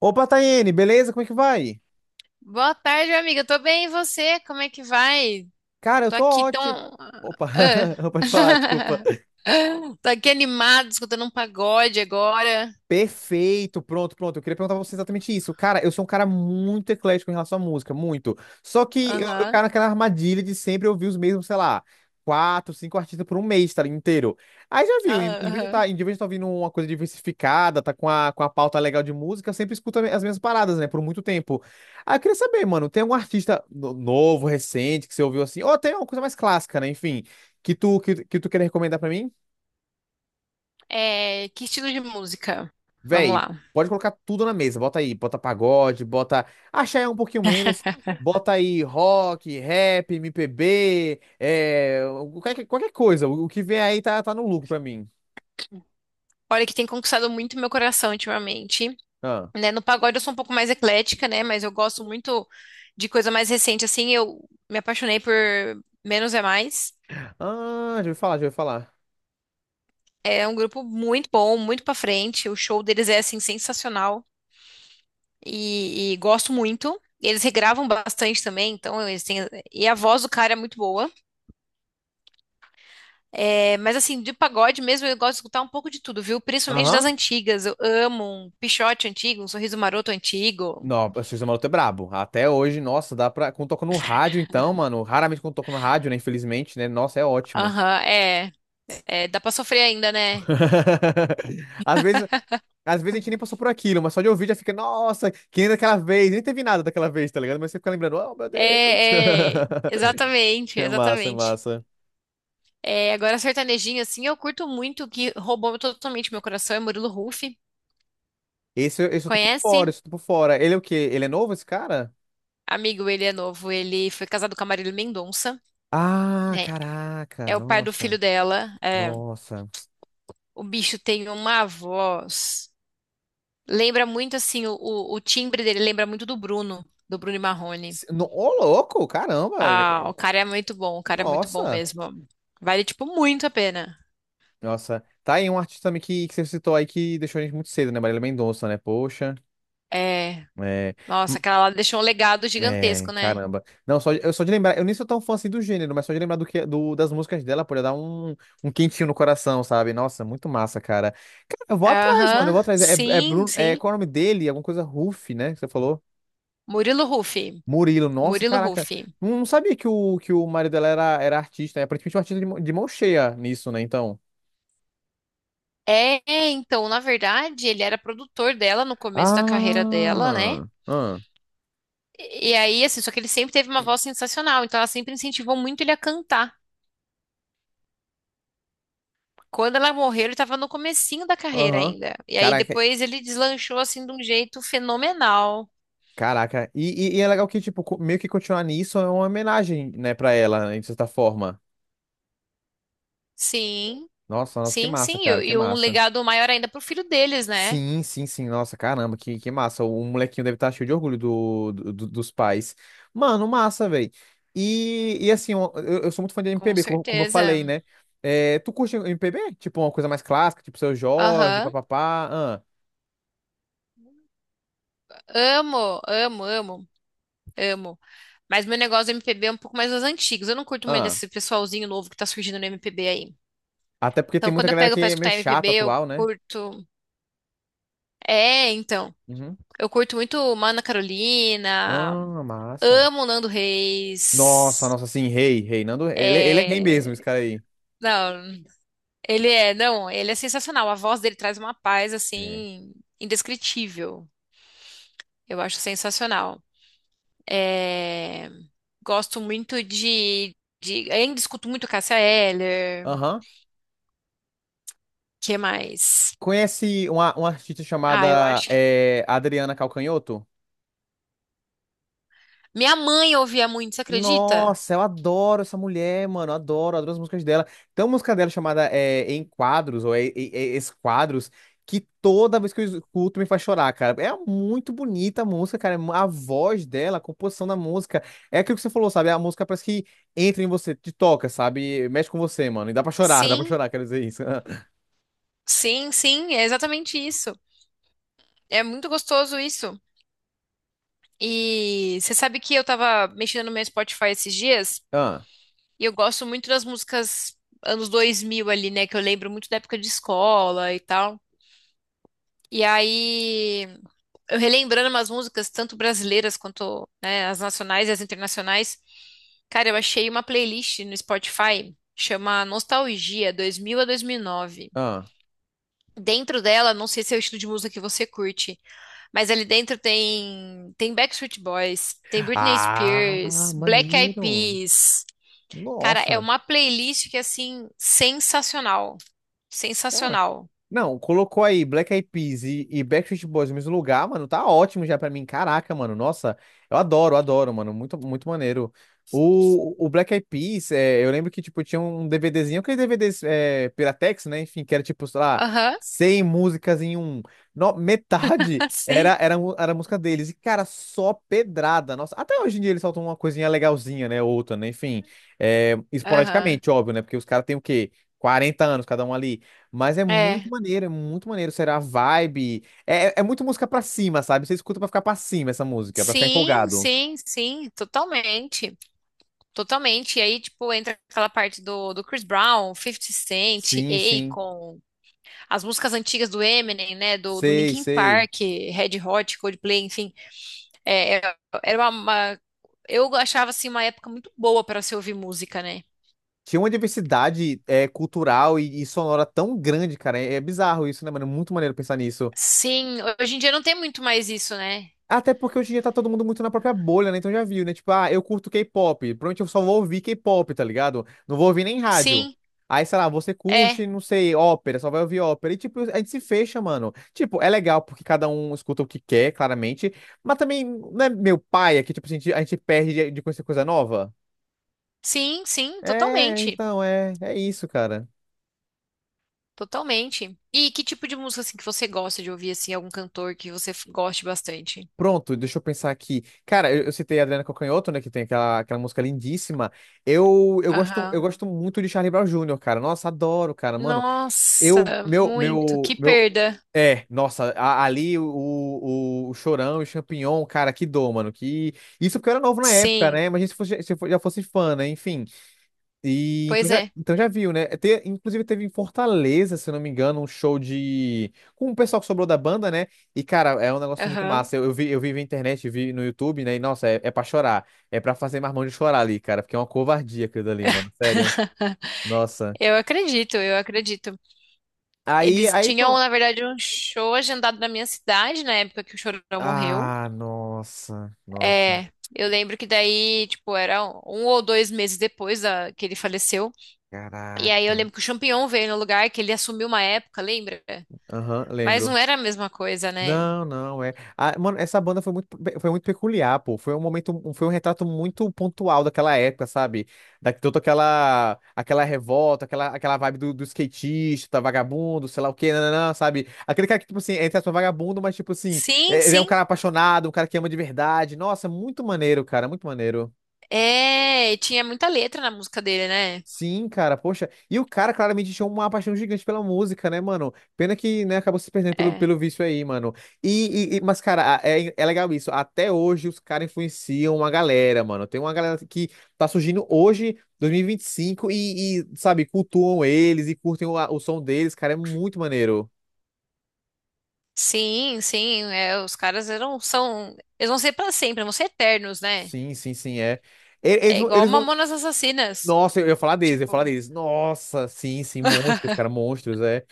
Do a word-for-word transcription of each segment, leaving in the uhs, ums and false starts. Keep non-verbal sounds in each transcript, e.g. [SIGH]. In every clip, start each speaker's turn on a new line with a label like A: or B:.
A: Opa, Tayene, beleza? Como é que vai?
B: Boa tarde, minha amiga. Tô bem, e você? Como é que vai?
A: Cara, eu
B: Tô
A: tô
B: aqui
A: ótimo.
B: tão.
A: Opa,
B: Ah.
A: [LAUGHS] pode falar, desculpa.
B: [LAUGHS] Tô aqui animado escutando um pagode agora.
A: Perfeito, pronto, pronto. Eu queria perguntar pra você exatamente isso. Cara, eu sou um cara muito eclético em relação à música, muito. Só que eu, eu caio
B: Aham.
A: naquela armadilha de sempre ouvir os mesmos, sei lá, quatro, cinco artistas por um mês, tá ali, inteiro. Aí já viu, em,
B: Ah,
A: em vez de estar
B: aham.
A: em vez de tá ouvindo uma coisa diversificada, tá com a, com a pauta legal de música, eu sempre escuto as mesmas paradas, né, por muito tempo. Aí eu queria saber, mano, tem algum artista no- novo, recente, que você ouviu assim, ou tem uma coisa mais clássica, né, enfim, que tu, que, que tu queria recomendar pra mim?
B: É, que estilo de música? Vamos
A: Véi,
B: lá.
A: pode colocar tudo na mesa. Bota aí, bota pagode, bota. Axé é um pouquinho menos.
B: [LAUGHS]
A: Bota aí rock, rap, M P B, é, qualquer, qualquer coisa. O, o que vem aí tá, tá no lucro pra mim.
B: Olha, que tem conquistado muito meu coração ultimamente,
A: Ah,
B: né? No pagode eu sou um pouco mais eclética, né? Mas eu gosto muito de coisa mais recente, assim. Eu me apaixonei por Menos é Mais.
A: ah, já ouvi falar, já ouvi falar.
B: É um grupo muito bom, muito pra frente. O show deles é assim sensacional e, e gosto muito. Eles regravam bastante também, então eles têm. E a voz do cara é muito boa. É, mas assim, de pagode mesmo, eu gosto de escutar um pouco de tudo, viu? Principalmente das
A: Aham.
B: antigas. Eu amo um Pixote antigo, um Sorriso Maroto antigo.
A: Não, o Sexta Maroto é brabo. Até hoje, nossa, dá pra. Quando toca no rádio, então, mano. Raramente quando toca no rádio, né? Infelizmente, né? Nossa, é ótimo.
B: Aham, é, é. Dá pra sofrer ainda, né?
A: [LAUGHS] Às vezes, às vezes a gente nem passou por aquilo, mas só de ouvir já fica, nossa, que nem daquela vez, nem teve nada daquela vez, tá ligado? Mas você fica lembrando, oh meu Deus.
B: É, é.
A: [LAUGHS]
B: Exatamente,
A: É massa, é
B: exatamente.
A: massa.
B: É, agora, sertanejinho, assim, eu curto muito, que roubou totalmente meu coração, é Murilo Huff.
A: Esse, esse eu tô por fora,
B: Conhece?
A: esse eu tô por fora. Ele é o quê? Ele é novo, esse cara?
B: Amigo, ele é novo, ele foi casado com a Marília Mendonça,
A: Ah,
B: né?
A: caraca,
B: É o pai do
A: nossa,
B: filho dela. É.
A: nossa.
B: O bicho tem uma voz. Lembra muito assim, o, o- o timbre dele lembra muito do Bruno, do Bruno e Marrone.
A: Se- no- Ô, louco, caramba.
B: Ah,
A: ele-
B: o cara é muito bom, o cara é muito bom
A: Nossa,
B: mesmo. Vale, tipo, muito a pena.
A: nossa. Tá aí um artista também que, que você citou aí que deixou a gente muito cedo, né? Marília Mendonça, né? Poxa.
B: É.
A: É.
B: Nossa, aquela lá deixou um legado
A: É,
B: gigantesco, né?
A: caramba. Não, só, eu só de lembrar, eu nem sou tão fã assim do gênero, mas só de lembrar do que, do, das músicas dela, pode dar um, um quentinho no coração, sabe? Nossa, muito massa, cara. Cara, eu vou atrás, mano, eu
B: Aham,
A: vou atrás. É, é
B: sim,
A: Bruno, é,
B: sim.
A: qual é o nome dele? Alguma coisa Ruff, né? Que você falou?
B: Murilo Huff.
A: Murilo, nossa,
B: Murilo
A: caraca.
B: Huff.
A: Não, não sabia que o, que o marido dela era, era artista, né? Aparentemente um artista de, mão- de mão cheia nisso, né? Então.
B: É, então, na verdade, ele era produtor dela no começo da carreira dela, né?
A: Ah, ah,
B: E aí, assim, só que ele sempre teve uma voz sensacional, então ela sempre incentivou muito ele a cantar. Quando ela morreu, ele estava no comecinho da carreira
A: aham.
B: ainda. E aí
A: Caraca,
B: depois ele deslanchou assim de um jeito fenomenal.
A: Caraca, e, e, e é legal que, tipo, co- meio que continuar nisso é uma homenagem, né, pra ela, né, de certa forma.
B: Sim,
A: Nossa, nossa, que
B: sim,
A: massa,
B: sim.
A: cara,
B: E,
A: que
B: e um
A: massa.
B: legado maior ainda pro filho deles, né?
A: Sim, sim, sim, nossa, caramba, que, que massa. O molequinho deve estar cheio de orgulho do, do- do- dos pais. Mano, massa, velho. E, e assim, eu, eu sou muito fã de
B: Com
A: M P B, como, como eu falei,
B: certeza.
A: né? É, tu curte M P B? Tipo, uma coisa mais clássica, tipo Seu Jorge,
B: Aham.
A: papapá. Ah,
B: Amo, amo, amo, amo. Mas meu negócio do M P B é um pouco mais dos antigos. Eu não curto muito
A: ah.
B: desse pessoalzinho novo que tá surgindo no M P B aí.
A: Até porque tem
B: Então,
A: muita
B: quando eu
A: galera
B: pego
A: que
B: pra
A: é meio
B: escutar M P B,
A: chata
B: eu
A: atual, né?
B: curto. É, então.
A: Uhum.
B: Eu curto muito Mana Carolina,
A: Ah, massa.
B: amo Nando
A: Nossa,
B: Reis.
A: nossa, sim, rei, rei. Nando, ele, ele é rei
B: É...
A: mesmo, esse cara aí.
B: Não, ele é, não, ele é sensacional. A voz dele traz uma paz
A: É.
B: assim indescritível. Eu acho sensacional. É... Gosto muito de, de, ainda escuto muito Cássia Eller.
A: Aham.
B: Que mais?
A: Conhece uma, uma artista
B: Ah, eu
A: chamada
B: acho.
A: eh, Adriana Calcanhoto?
B: Minha mãe ouvia muito, você acredita?
A: Nossa, eu adoro essa mulher, mano. Eu Adoro, adoro as músicas dela. Tem uma música dela chamada eh, Em Quadros, ou é, é, é, Esquadros, que toda vez que eu escuto me faz chorar, cara. É muito bonita a música, cara. A voz dela, a composição da música. É aquilo que você falou, sabe? A música parece que entra em você, te toca, sabe? Mexe com você, mano. E dá pra chorar, [LAUGHS] dá pra
B: Sim,
A: chorar, quero dizer isso.
B: sim, sim, é exatamente isso. É muito gostoso isso. E você sabe que eu tava mexendo no meu Spotify esses dias e eu gosto muito das músicas anos dois mil ali, né? Que eu lembro muito da época de escola e tal. E aí, eu relembrando umas músicas, tanto brasileiras quanto, né, as nacionais e as internacionais. Cara, eu achei uma playlist no Spotify, chama Nostalgia dois mil a dois mil e nove.
A: [LAUGHS] ah.
B: Dentro dela, não sei se é o estilo de música que você curte, mas ali dentro tem tem Backstreet Boys, tem Britney
A: Ah, Ah,
B: Spears, Black Eyed
A: maneiro.
B: Peas. Cara, é
A: Nossa.
B: uma playlist que assim sensacional,
A: Cara,
B: sensacional.
A: não, colocou aí Black Eyed Peas e, e Backstreet Boys no mesmo lugar, mano, tá ótimo já pra mim. Caraca, mano, nossa, eu adoro, adoro, mano, muito, muito maneiro. O, o Black Eyed Peas, é, eu lembro que, tipo, tinha um DVDzinho, aquele D V Ds é, Piratex, né, enfim, que era, tipo, sei lá,
B: Aham,
A: cem músicas em um. No, metade
B: [LAUGHS] sim.
A: era, era, mu- era música deles, e, cara, só pedrada, nossa. Até hoje em dia eles soltam uma coisinha legalzinha, né, outra, né, enfim, é,
B: Aham.
A: esporadicamente, óbvio, né, porque os caras têm o quê? Quarenta anos cada um ali. Mas é muito
B: É.
A: maneiro, é muito maneiro. Será a vibe? É, é é muito música pra cima, sabe? Você escuta pra ficar pra cima essa música, pra ficar
B: Sim,
A: empolgado.
B: sim, sim, totalmente. Totalmente. E aí, tipo, entra aquela parte do, do Chris Brown, Fifty Cent,
A: Sim, sim.
B: Akon, as músicas antigas do Eminem, né? Do, do
A: Sei,
B: Linkin
A: sei.
B: Park, Red Hot, Coldplay, enfim. É, era era uma, uma- eu achava assim uma época muito boa para se ouvir música, né?
A: Tinha uma diversidade é, cultural e, e sonora tão grande, cara. É, é bizarro isso, né, mano? É muito maneiro pensar nisso.
B: Sim, hoje em dia não tem muito mais isso, né?
A: Até porque hoje em dia tá todo mundo muito na própria bolha, né? Então já viu, né? Tipo, ah, eu curto K-pop. Provavelmente eu só vou ouvir K-pop, tá ligado? Não vou ouvir nem rádio.
B: Sim,
A: Aí, sei lá, você
B: é.
A: curte, não sei, ópera, só vai ouvir ópera. E, tipo, a gente se fecha, mano. Tipo, é legal porque cada um escuta o que quer, claramente. Mas também, não é meu pai, é que, tipo, a gente, a gente perde de de conhecer coisa nova?
B: Sim, sim,
A: É,
B: totalmente.
A: então, é, é isso, cara.
B: Totalmente. E que tipo de música assim que você gosta de ouvir assim, algum cantor que você f- goste bastante?
A: Pronto, deixa eu pensar aqui. Cara, eu, eu citei a Adriana Calcanhoto, né, que tem aquela, aquela música lindíssima. Eu, eu gosto, eu
B: Aham.
A: gosto muito de Charlie Brown júnior, cara. Nossa, adoro, cara, mano.
B: Nossa,
A: Eu, meu,
B: muito.
A: meu,
B: Que
A: meu,
B: perda.
A: é, Nossa, a- ali o, o, o Chorão e o Champignon, cara, que dor, mano. Que... Isso porque eu era novo na época,
B: Sim,
A: né? Imagina se fosse, se eu já fosse fã, né? Enfim. E então
B: pois
A: já,
B: é.
A: então já viu, né? Te- inclusive teve em Fortaleza, se eu não me engano, um show de. Com o pessoal que sobrou da banda, né? E, cara, é um negócio muito
B: Aham.
A: massa. Eu, eu vi, eu vi na internet, vi no YouTube, né? E, nossa, é, é pra chorar. É pra fazer marmão de chorar ali, cara, porque é uma covardia aquilo ali, mano. Sério.
B: [LAUGHS]
A: Nossa.
B: Eu acredito, eu acredito.
A: Aí,
B: Eles
A: aí,
B: tinham,
A: pronto.
B: na verdade, um show agendado na minha cidade na época que o Chorão morreu.
A: Ah, nossa, nossa.
B: É, eu lembro que daí, tipo, era um um ou dois meses depois da, que ele faleceu. E aí eu
A: Caraca.
B: lembro que o Champignon veio no lugar, que ele assumiu uma época, lembra?
A: Aham,
B: Mas não
A: lembro.
B: era a mesma coisa, né?
A: Não, não, é. Ah, mano, essa banda foi muito, pe- foi muito peculiar, pô. Foi um momento, um, foi um retrato muito pontual daquela época, sabe? Da, toda aquela, aquela revolta, aquela, aquela vibe do, do skatista, tá vagabundo, sei lá o quê, nananã, sabe? Aquele cara que, tipo assim, é entre aspas, vagabundo, mas, tipo assim,
B: Sim,
A: é- ele é um
B: sim.
A: cara apaixonado, um cara que ama de verdade. Nossa, muito maneiro, cara, muito maneiro.
B: É, e tinha muita letra na música dele, né?
A: Sim, cara, poxa. E o cara claramente tinha uma paixão gigante pela música, né, mano? Pena que, né, acabou se perdendo pelo,
B: É.
A: pelo vício aí, mano. E, e- e- mas, cara, a- é, é legal isso. Até hoje os caras influenciam uma galera, mano. Tem uma galera que tá surgindo hoje, dois mil e vinte e cinco, e, vinte e cinco, e, e, sabe, cultuam eles e curtem o, o som deles, cara. É muito maneiro.
B: Sim, sim. É, os caras eram, são. Eles vão ser pra sempre, vão ser eternos, né?
A: Sim, sim, sim, é. E- Eles
B: É
A: vão,
B: igual
A: eles vão.
B: Mamonas Assassinas.
A: Nossa, eu ia falar deles, eu ia falar
B: Tipo.
A: deles. Nossa, sim, sim, monstros, cara,
B: [LAUGHS]
A: monstros, é.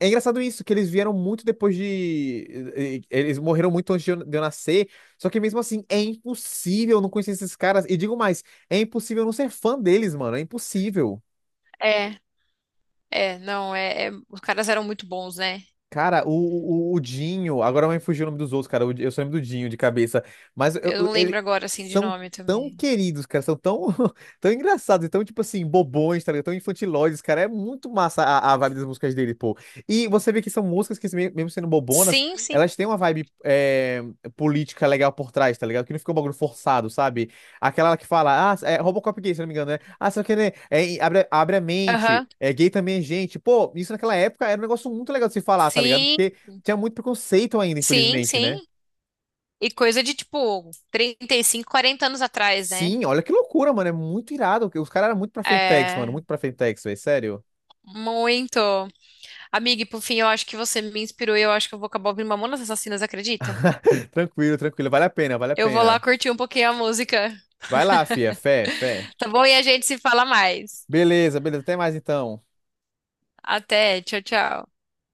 A: É engraçado isso, que eles vieram muito depois de. eh, Eles morreram muito antes de eu de eu nascer. Só que mesmo assim, é impossível não conhecer esses caras. E digo mais, é impossível não ser fã deles, mano. É impossível.
B: É, é, não, é, é- os caras eram muito bons, né?
A: Cara, o, o, o Dinho, agora vai me fugir o nome dos outros, cara. O Eu só lembro do Dinho de cabeça. Mas eu,
B: Eu
A: eu-
B: não lembro
A: ele-
B: agora, assim, de
A: São
B: nome
A: tão
B: também.
A: queridos, cara. São tão, [LAUGHS] tão engraçados, e tão, tipo assim, bobões, tá ligado? Tão infantiloides, cara. É muito massa a, a vibe das músicas dele, pô. E você vê que são músicas que, me- mesmo sendo bobonas,
B: Sim, sim.
A: elas têm uma vibe é, política legal por trás, tá ligado? Que não fica um bagulho forçado, sabe? Aquela que fala, ah, é Robocop gay, se não me engano, né? Ah, só que, né, é, abre, abre a mente,
B: Aham.
A: é gay também é gente. Pô, isso naquela época era um negócio muito legal de se falar, tá ligado?
B: Sim,
A: Porque tinha muito preconceito ainda,
B: sim,
A: infelizmente, né?
B: sim. E coisa de tipo trinta e cinco, quarenta anos atrás, né?
A: Sim, olha que loucura, mano, é muito irado. Os caras eram muito pra Fentex, mano,
B: É,
A: muito pra Fentex, velho, sério.
B: muito. Amiga, e por fim, eu acho que você me inspirou e eu acho que eu vou acabar ouvindo Mamonas Assassinas, acredita?
A: [LAUGHS] Tranquilo, tranquilo, vale a pena, vale a
B: Eu vou lá
A: pena.
B: curtir um pouquinho a música,
A: Vai lá, fia, fé, fé.
B: tá bom? E a gente se fala mais.
A: Beleza, beleza, até mais então.
B: Até, tchau, tchau.